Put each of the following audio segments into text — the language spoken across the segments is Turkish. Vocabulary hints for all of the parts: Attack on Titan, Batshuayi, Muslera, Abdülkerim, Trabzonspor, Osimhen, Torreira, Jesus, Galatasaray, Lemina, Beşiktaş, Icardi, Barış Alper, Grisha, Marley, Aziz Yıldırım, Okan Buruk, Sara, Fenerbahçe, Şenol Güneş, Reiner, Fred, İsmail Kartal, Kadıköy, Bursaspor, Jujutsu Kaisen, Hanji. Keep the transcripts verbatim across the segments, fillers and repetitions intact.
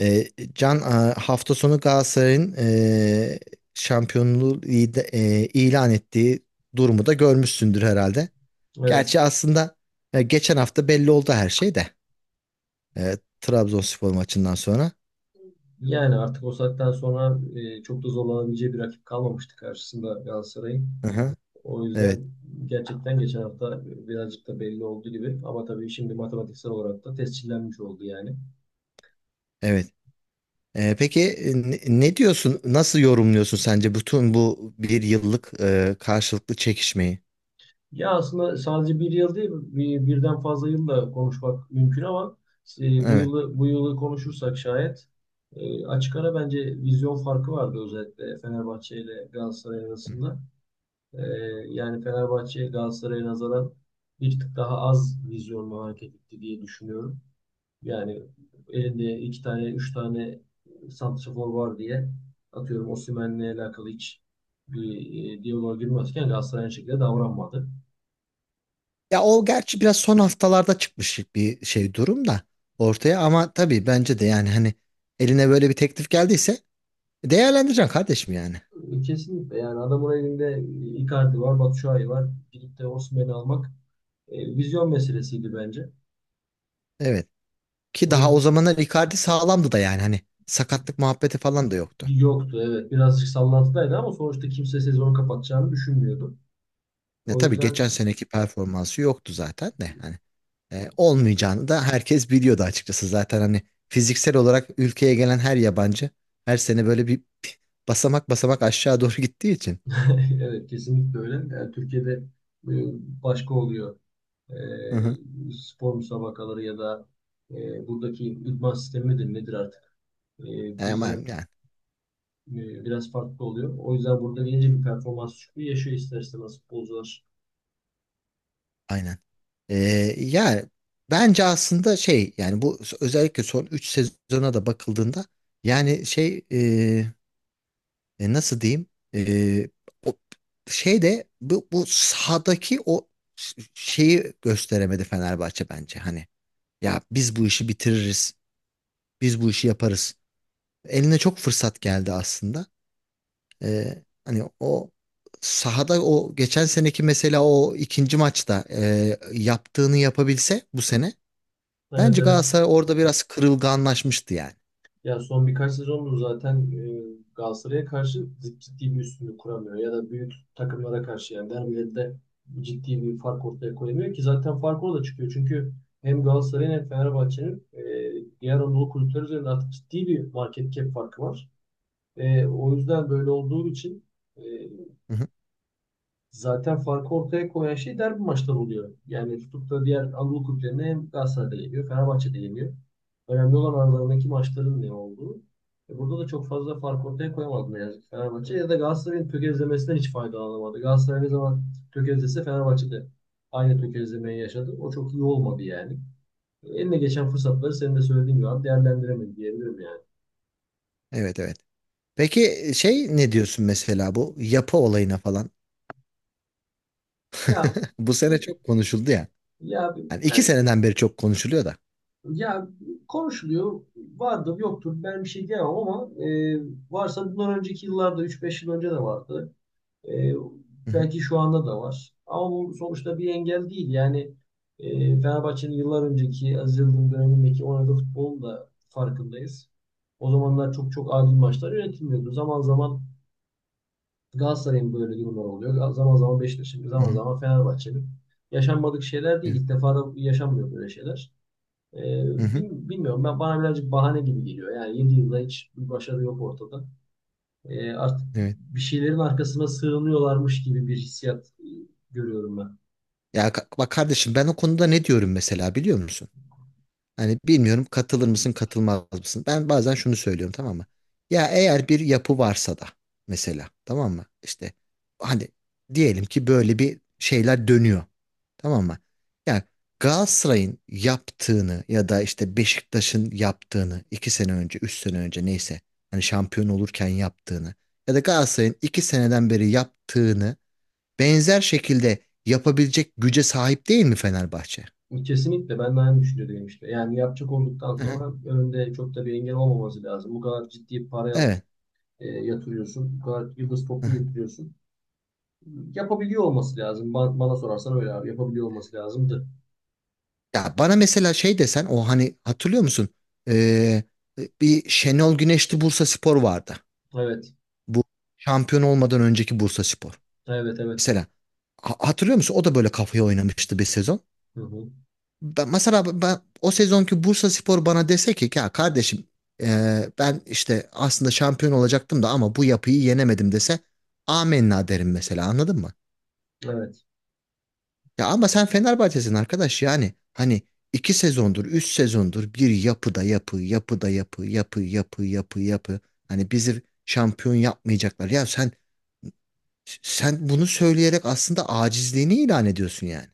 E, Can, a- hafta sonu Galatasaray'ın e, şampiyonluğu ide- e, ilan ettiği durumu da görmüşsündür herhalde. Gerçi Evet. aslında e, geçen hafta belli oldu her şey de e, Trabzonspor maçından sonra. Yani artık o saatten sonra e, çok da zorlanabileceği bir rakip kalmamıştı karşısında Galatasaray'ın. Hı hı. O Evet, yüzden gerçekten geçen hafta birazcık da belli olduğu gibi. Ama tabii şimdi matematiksel olarak da tescillenmiş oldu yani. evet. E, peki, e, ne ne diyorsun? Nasıl yorumluyorsun sence bütün bu bir yıllık e, karşılıklı çekişmeyi? Ya aslında sadece bir yıl değil, bir, birden fazla yılla konuşmak mümkün ama e, bu Evet. yılı bu yılı konuşursak şayet e, açık ara bence vizyon farkı vardı özellikle Fenerbahçe ile Galatasaray arasında. Ee, Yani Fenerbahçe Galatasaray'a nazaran bir tık daha az vizyonlu hareket etti diye düşünüyorum. Yani elinde iki tane, üç tane santrafor var diye atıyorum Osimhen'le alakalı hiç bir e, diyaloğa girmezken Galatasaray aynı şekilde davranmadı. Ya o gerçi biraz son haftalarda çıkmış bir şey durum da ortaya, ama tabii bence de, yani hani, eline böyle bir teklif geldiyse değerlendireceksin kardeşim yani. E, Kesinlikle yani adamın elinde Icardi var, Batshuayi var. Gidip de Osimhen'i almak e, vizyon meselesiydi bence. Evet. Ki O daha o zamanlar Icardi sağlamdı da, yani hani sakatlık muhabbeti falan da yoktu. yoktu evet. Birazcık sallantıdaydı ama sonuçta kimse sezonu kapatacağını düşünmüyordu. Ya O tabii yüzden geçen seneki performansı yoktu zaten de, hani e, olmayacağını da herkes biliyordu açıkçası. Zaten hani fiziksel olarak ülkeye gelen her yabancı her sene böyle bir basamak basamak aşağı doğru gittiği için. evet kesinlikle öyle. Yani Türkiye'de e, başka oluyor. E, Hı hı. Spor müsabakaları ya da e, buradaki idman sistemi midir nedir artık? E, E, Ama Bizden yani. e, biraz farklı oluyor. O yüzden burada gelince bir performans düşüklüğü yaşıyor ister istemez futbolcular. Aynen. Ee, Ya bence aslında şey, yani bu özellikle son üç sezona da bakıldığında, yani şey, e, e, nasıl diyeyim, e, o şey de, bu, bu sahadaki o ş- şeyi gösteremedi Fenerbahçe bence. Hani ya biz bu işi bitiririz, biz bu işi yaparız. Eline çok fırsat geldi aslında. Ee, hani o sahada, o geçen seneki mesela o ikinci maçta e, yaptığını yapabilse bu sene. Evet, Bence evet. Galatasaray orada biraz kırılganlaşmıştı yani. Ya son birkaç sezondur zaten e, Galatasaray'a karşı zip- ciddi bir üstünlük kuramıyor. Ya da büyük takımlara karşı yani derbilerde ciddi bir fark ortaya koyamıyor ki zaten fark orada çıkıyor. Çünkü hem Galatasaray'ın hem Fenerbahçe'nin e, diğer Anadolu kulüpleri üzerinde artık ciddi bir market cap farkı var. E, o yüzden böyle olduğu için e, Hı hı. zaten farkı ortaya koyan şey derbi maçları oluyor. Yani tutup da diğer Anadolu kulüplerine hem Galatasaray'da yeniyor, Fenerbahçe'de yeniyor. Önemli olan aralarındaki maçların ne olduğu. E burada da çok fazla fark ortaya koyamadı ne yazık ki Fenerbahçe. Ya da Galatasaray'ın tökezlemesinden hiç faydalanamadı. Galatasaray ne zaman tökezlese Fenerbahçede aynı tökezlemeyi yaşadı. O çok iyi olmadı yani. E, eline geçen fırsatları senin de söylediğin gibi abi değerlendiremedi diyebilirim yani. Evet, evet. Peki, e, şey, ne diyorsun mesela bu yapı olayına falan? Ya, Bu sene çok konuşuldu ya. ya Yani iki ben seneden beri çok konuşuluyor da. ya konuşuluyor. Vardır, yoktur. Ben bir şey diyemem ama e, varsa bundan önceki yıllarda üç beş yıl önce de vardı. E, Hı hı. Belki şu anda da var. Ama bu sonuçta bir engel değil. Yani e, Fenerbahçe'nin yıllar önceki Aziz Yıldırım dönemindeki oynadığı futbolun da farkındayız. O zamanlar çok çok adil maçlar yönetilmiyordu. Zaman zaman Galatasaray'ın böyle durumlar oluyor. Zaman zaman Beşiktaş'ın, Hı zaman hı. zaman Fenerbahçe'nin. Yaşanmadık şeyler değil. Evet. İlk defa da yaşanmıyor böyle şeyler. Ee, Hı hı. Bil- bilmiyorum, ben bana birazcık bahane gibi geliyor. Yani yedi yılda hiç bir başarı yok ortada. Ee, artık Evet. bir şeylerin arkasına sığınıyorlarmış gibi bir hissiyat e, görüyorum ben. Ya, ka- bak kardeşim, ben o konuda ne diyorum mesela biliyor musun? Hani bilmiyorum katılır mısın katılmaz mısın? Ben bazen şunu söylüyorum, tamam mı? Ya eğer bir yapı varsa da mesela, tamam mı? İşte hani diyelim ki böyle bir şeyler dönüyor, tamam mı? Yani Galatasaray'ın yaptığını ya da işte Beşiktaş'ın yaptığını, iki sene önce üç sene önce neyse, hani şampiyon olurken yaptığını, ya da Galatasaray'ın iki seneden beri yaptığını benzer şekilde yapabilecek güce sahip değil mi Fenerbahçe? Kesinlikle ben de aynı düşünüyordum işte. Yani yapacak olduktan Hı hı. sonra önünde çok da bir engel olmaması lazım. Bu kadar ciddi para Evet. e, yatırıyorsun. Bu kadar yıldız Hı topçu hı. getiriyorsun. Yapabiliyor olması lazım. Ba- Bana sorarsan öyle abi. Yapabiliyor olması lazımdı. Ya, bana mesela şey desen o, hani hatırlıyor musun? Ee, Bir Şenol Güneşli Bursaspor vardı. Evet. Bu şampiyon olmadan önceki Bursaspor. Evet, evet. Mesela, ha- hatırlıyor musun? O da böyle kafaya oynamıştı bir sezon. Hı hı. Ben, mesela ben o sezonki Bursaspor bana dese ki ya kardeşim, ee, ben işte aslında şampiyon olacaktım da ama bu yapıyı yenemedim, dese amenna derim mesela, anladın mı? Evet. Ya ama sen Fenerbahçe'sin arkadaş yani. Hani iki sezondur, üç sezondur, bir yapıda yapı, yapıda yapı, yapı, yapı, yapı, yapı. Hani bizi şampiyon yapmayacaklar. Ya, sen sen bunu söyleyerek aslında acizliğini ilan ediyorsun yani.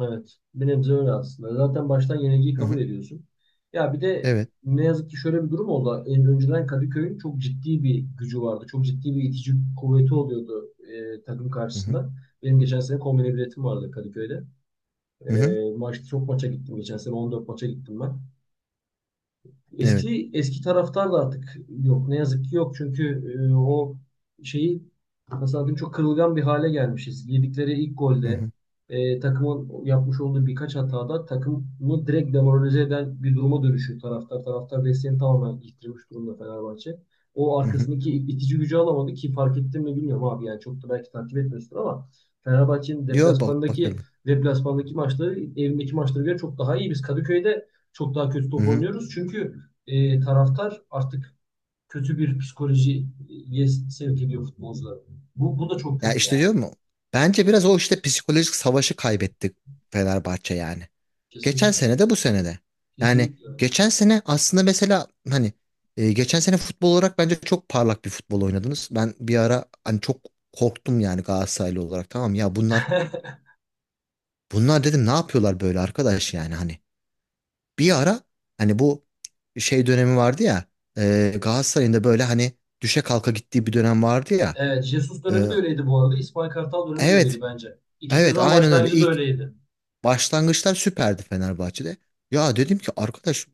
Evet. Bir nebze öyle aslında. Zaten baştan yenilgiyi Hı kabul hı. ediyorsun. Ya bir de Evet. ne yazık ki şöyle bir durum oldu. En önceden Kadıköy'ün çok ciddi bir gücü vardı. Çok ciddi bir itici kuvveti oluyordu e, takım Hı hı. karşısında. Benim geçen sene kombine biletim vardı Kadıköy'de. E, Hı hı. Maç, çok maça gittim geçen sene. on dört maça gittim ben. Evet. Eski eski taraftar da artık yok. Ne yazık ki yok. Çünkü e, o şeyi, nasıl diyeyim, çok kırılgan bir hale gelmişiz. Yedikleri ilk Hı golde hı. e, takımın yapmış olduğu birkaç hatada takımı direkt demoralize eden bir duruma dönüşüyor taraftar. Taraftar desteğini tamamen yitirmiş durumda Fenerbahçe. O Hı hı. arkasındaki itici gücü alamadı ki fark ettin mi bilmiyorum abi, yani çok da belki takip etmiyorsun ama Fenerbahçe'nin Yo, bak, bakıyorum. deplasmandaki deplasmandaki maçları evindeki maçlara göre çok daha iyi. Biz Kadıköy'de çok daha kötü Hı top hı. oynuyoruz. Çünkü e, taraftar artık kötü bir psikolojiye sevk ediyor futbolcuları. Bu, bu da çok Ya kötü işte, yani. diyor mu? Bence biraz o işte psikolojik savaşı kaybettik Fenerbahçe yani. Geçen Kesinlikle. sene de bu sene de. Yani Kesinlikle. geçen sene aslında mesela hani, e, geçen sene futbol olarak bence çok parlak bir futbol oynadınız. Ben bir ara hani çok korktum yani, Galatasaraylı olarak tamam ya, bunlar bunlar dedim, ne yapıyorlar böyle arkadaş yani. Hani bir ara hani bu şey dönemi vardı ya, e, Galatasaray'ın da böyle hani düşe kalka gittiği bir dönem vardı ya. Evet, Jesus E, dönemi de öyleydi bu arada. İsmail Kartal dönemi de öyleydi evet, bence. İki evet, sezon aynen öyle. başlangıcı da İlk öyleydi. başlangıçlar süperdi Fenerbahçe'de. Ya dedim ki arkadaş,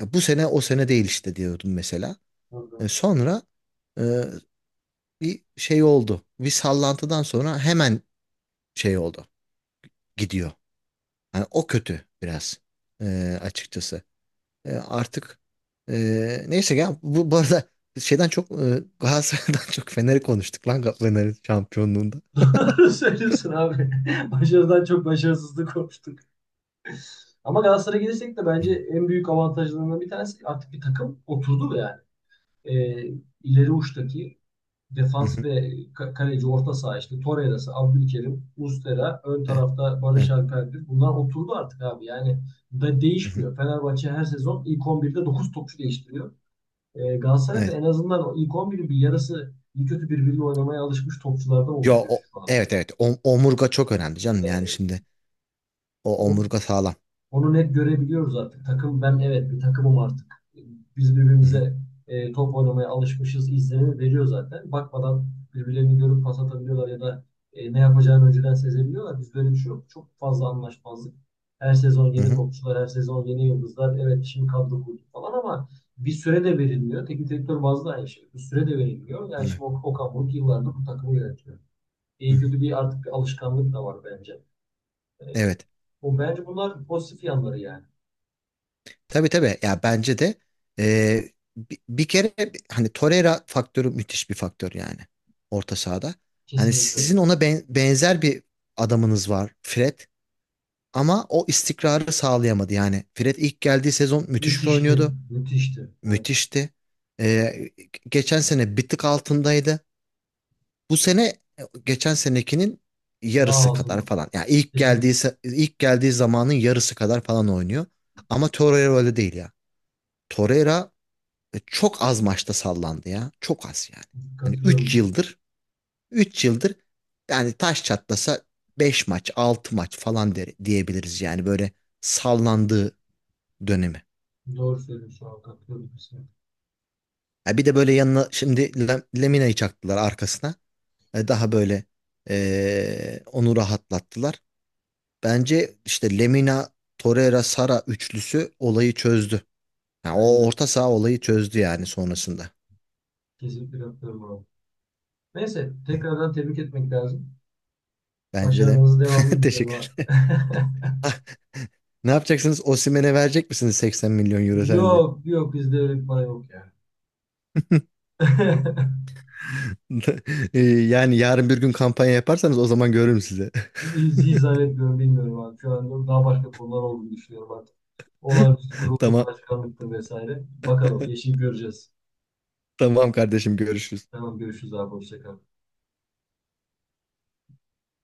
ya bu sene o sene değil işte, diyordum mesela. E, Doğru Sonra e, bir şey oldu. Bir sallantıdan sonra hemen şey oldu. Gidiyor. Yani o kötü biraz, e, açıkçası. E, artık, e, neyse ya, bu, bu arada şeyden çok, e, Galatasaray'dan çok Fener'i konuştuk lan, Fener'in şampiyonluğunda. söylüyorsun abi. Başarıdan çok başarısızlık konuştuk. Ama Galatasaray'a gelirsek de bence en büyük avantajlarından bir tanesi artık bir takım oturdu yani. Ee, ileri uçtaki Hı defans hı. ve ka- kaleci orta saha, işte Torreira'sı, Abdülkerim, Muslera, ön E, tarafta e, Barış Alper'dir. Bunlar oturdu artık abi. Yani da hı hı. değişmiyor. Fenerbahçe her sezon ilk on birde dokuz topçu değiştiriyor. E, Galatasaray da Evet. en azından o ilk on birin bir yarısı iyi kötü birbiriyle oynamaya alışmış topçulardan Yo, oluşuyor o, şu anda. evet, evet. O- omurga çok önemli canım. Yani E, şimdi o o- omurga sağlam. Onu net görebiliyoruz artık. Takım ben, evet, bir takımım artık. Biz Hı hı. birbirimize e, top oynamaya alışmışız izlenimi veriyor zaten. Bakmadan birbirlerini görüp pas atabiliyorlar ya da e, ne yapacağını önceden sezebiliyorlar. Biz böyle bir şey yok. Çok fazla anlaşmazlık. Her sezon Hı yeni hı. topçular, her sezon yeni yıldızlar. Evet şimdi kadro kurduk falan ama bir süre de verilmiyor. Teknik direktör bazlı aynı şey. Bir süre de verilmiyor. Yani Evet. şimdi Okan Okan Buruk yıllardır bu takımı yönetiyor. Hı İyi hı. kötü bir artık bir alışkanlık da var bence. E, Evet. Bu bence, bunlar pozitif yanları yani. Tabii, tabii, ya bence de, e, bi- bir, kere hani Torreira faktörü müthiş bir faktör yani orta sahada. Hani Kesinlikle öyle. sizin ona ben- benzer bir adamınız var, Fred, ama o istikrarı sağlayamadı yani. Fred ilk geldiği sezon müthiş Müthişti. oynuyordu. Müthişti. Evet. Müthişti. E, Geçen sene bir tık altındaydı. Bu sene geçen senekinin Dağ yarısı kadar altında. falan. Yani ilk geldiği Kesinlikle. se- ilk geldiği zamanın yarısı kadar falan oynuyor. Ama Torreira öyle değil ya. Torreira E, çok az maçta sallandı ya. Çok az yani. Hani üç Katılıyorum. yıldır üç yıldır yani taş çatlasa beş maç altı maç falan der, diyebiliriz yani, böyle sallandığı dönemi. Doğru söylüyorsun şu an. Katılıyorum kesinlikle. Ha, bir de böyle yanına şimdi Lem- Lemina'yı çaktılar arkasına. E, daha böyle e, onu rahatlattılar. Bence işte Lemina, Torreira, Sara üçlüsü olayı çözdü. Ha, Bence o de. orta saha olayı çözdü yani sonrasında. Kesinlikle katılıyorum abi. Neyse. Tekrardan tebrik etmek lazım. Bence de. Başarılarınızın devamını dilerim Teşekkür abi. ederim. Ne yapacaksınız? Osimhen'e verecek misiniz seksen milyon euro sence? Yok. Yok. Bizde öyle bir para yok ya. Ee, Yani yarın bir gün kampanya yaparsanız o zaman görürüm size. Hiç, hiç zannetmiyorum. Bilmiyorum abi. Şu an daha başka konular olduğunu düşünüyorum artık. Olağanüstü kurulur, Tamam, başkanlıktır vesaire. Bakalım. Yeşil göreceğiz. tamam kardeşim, görüşürüz. Tamam. Görüşürüz abi. Hoşça kal.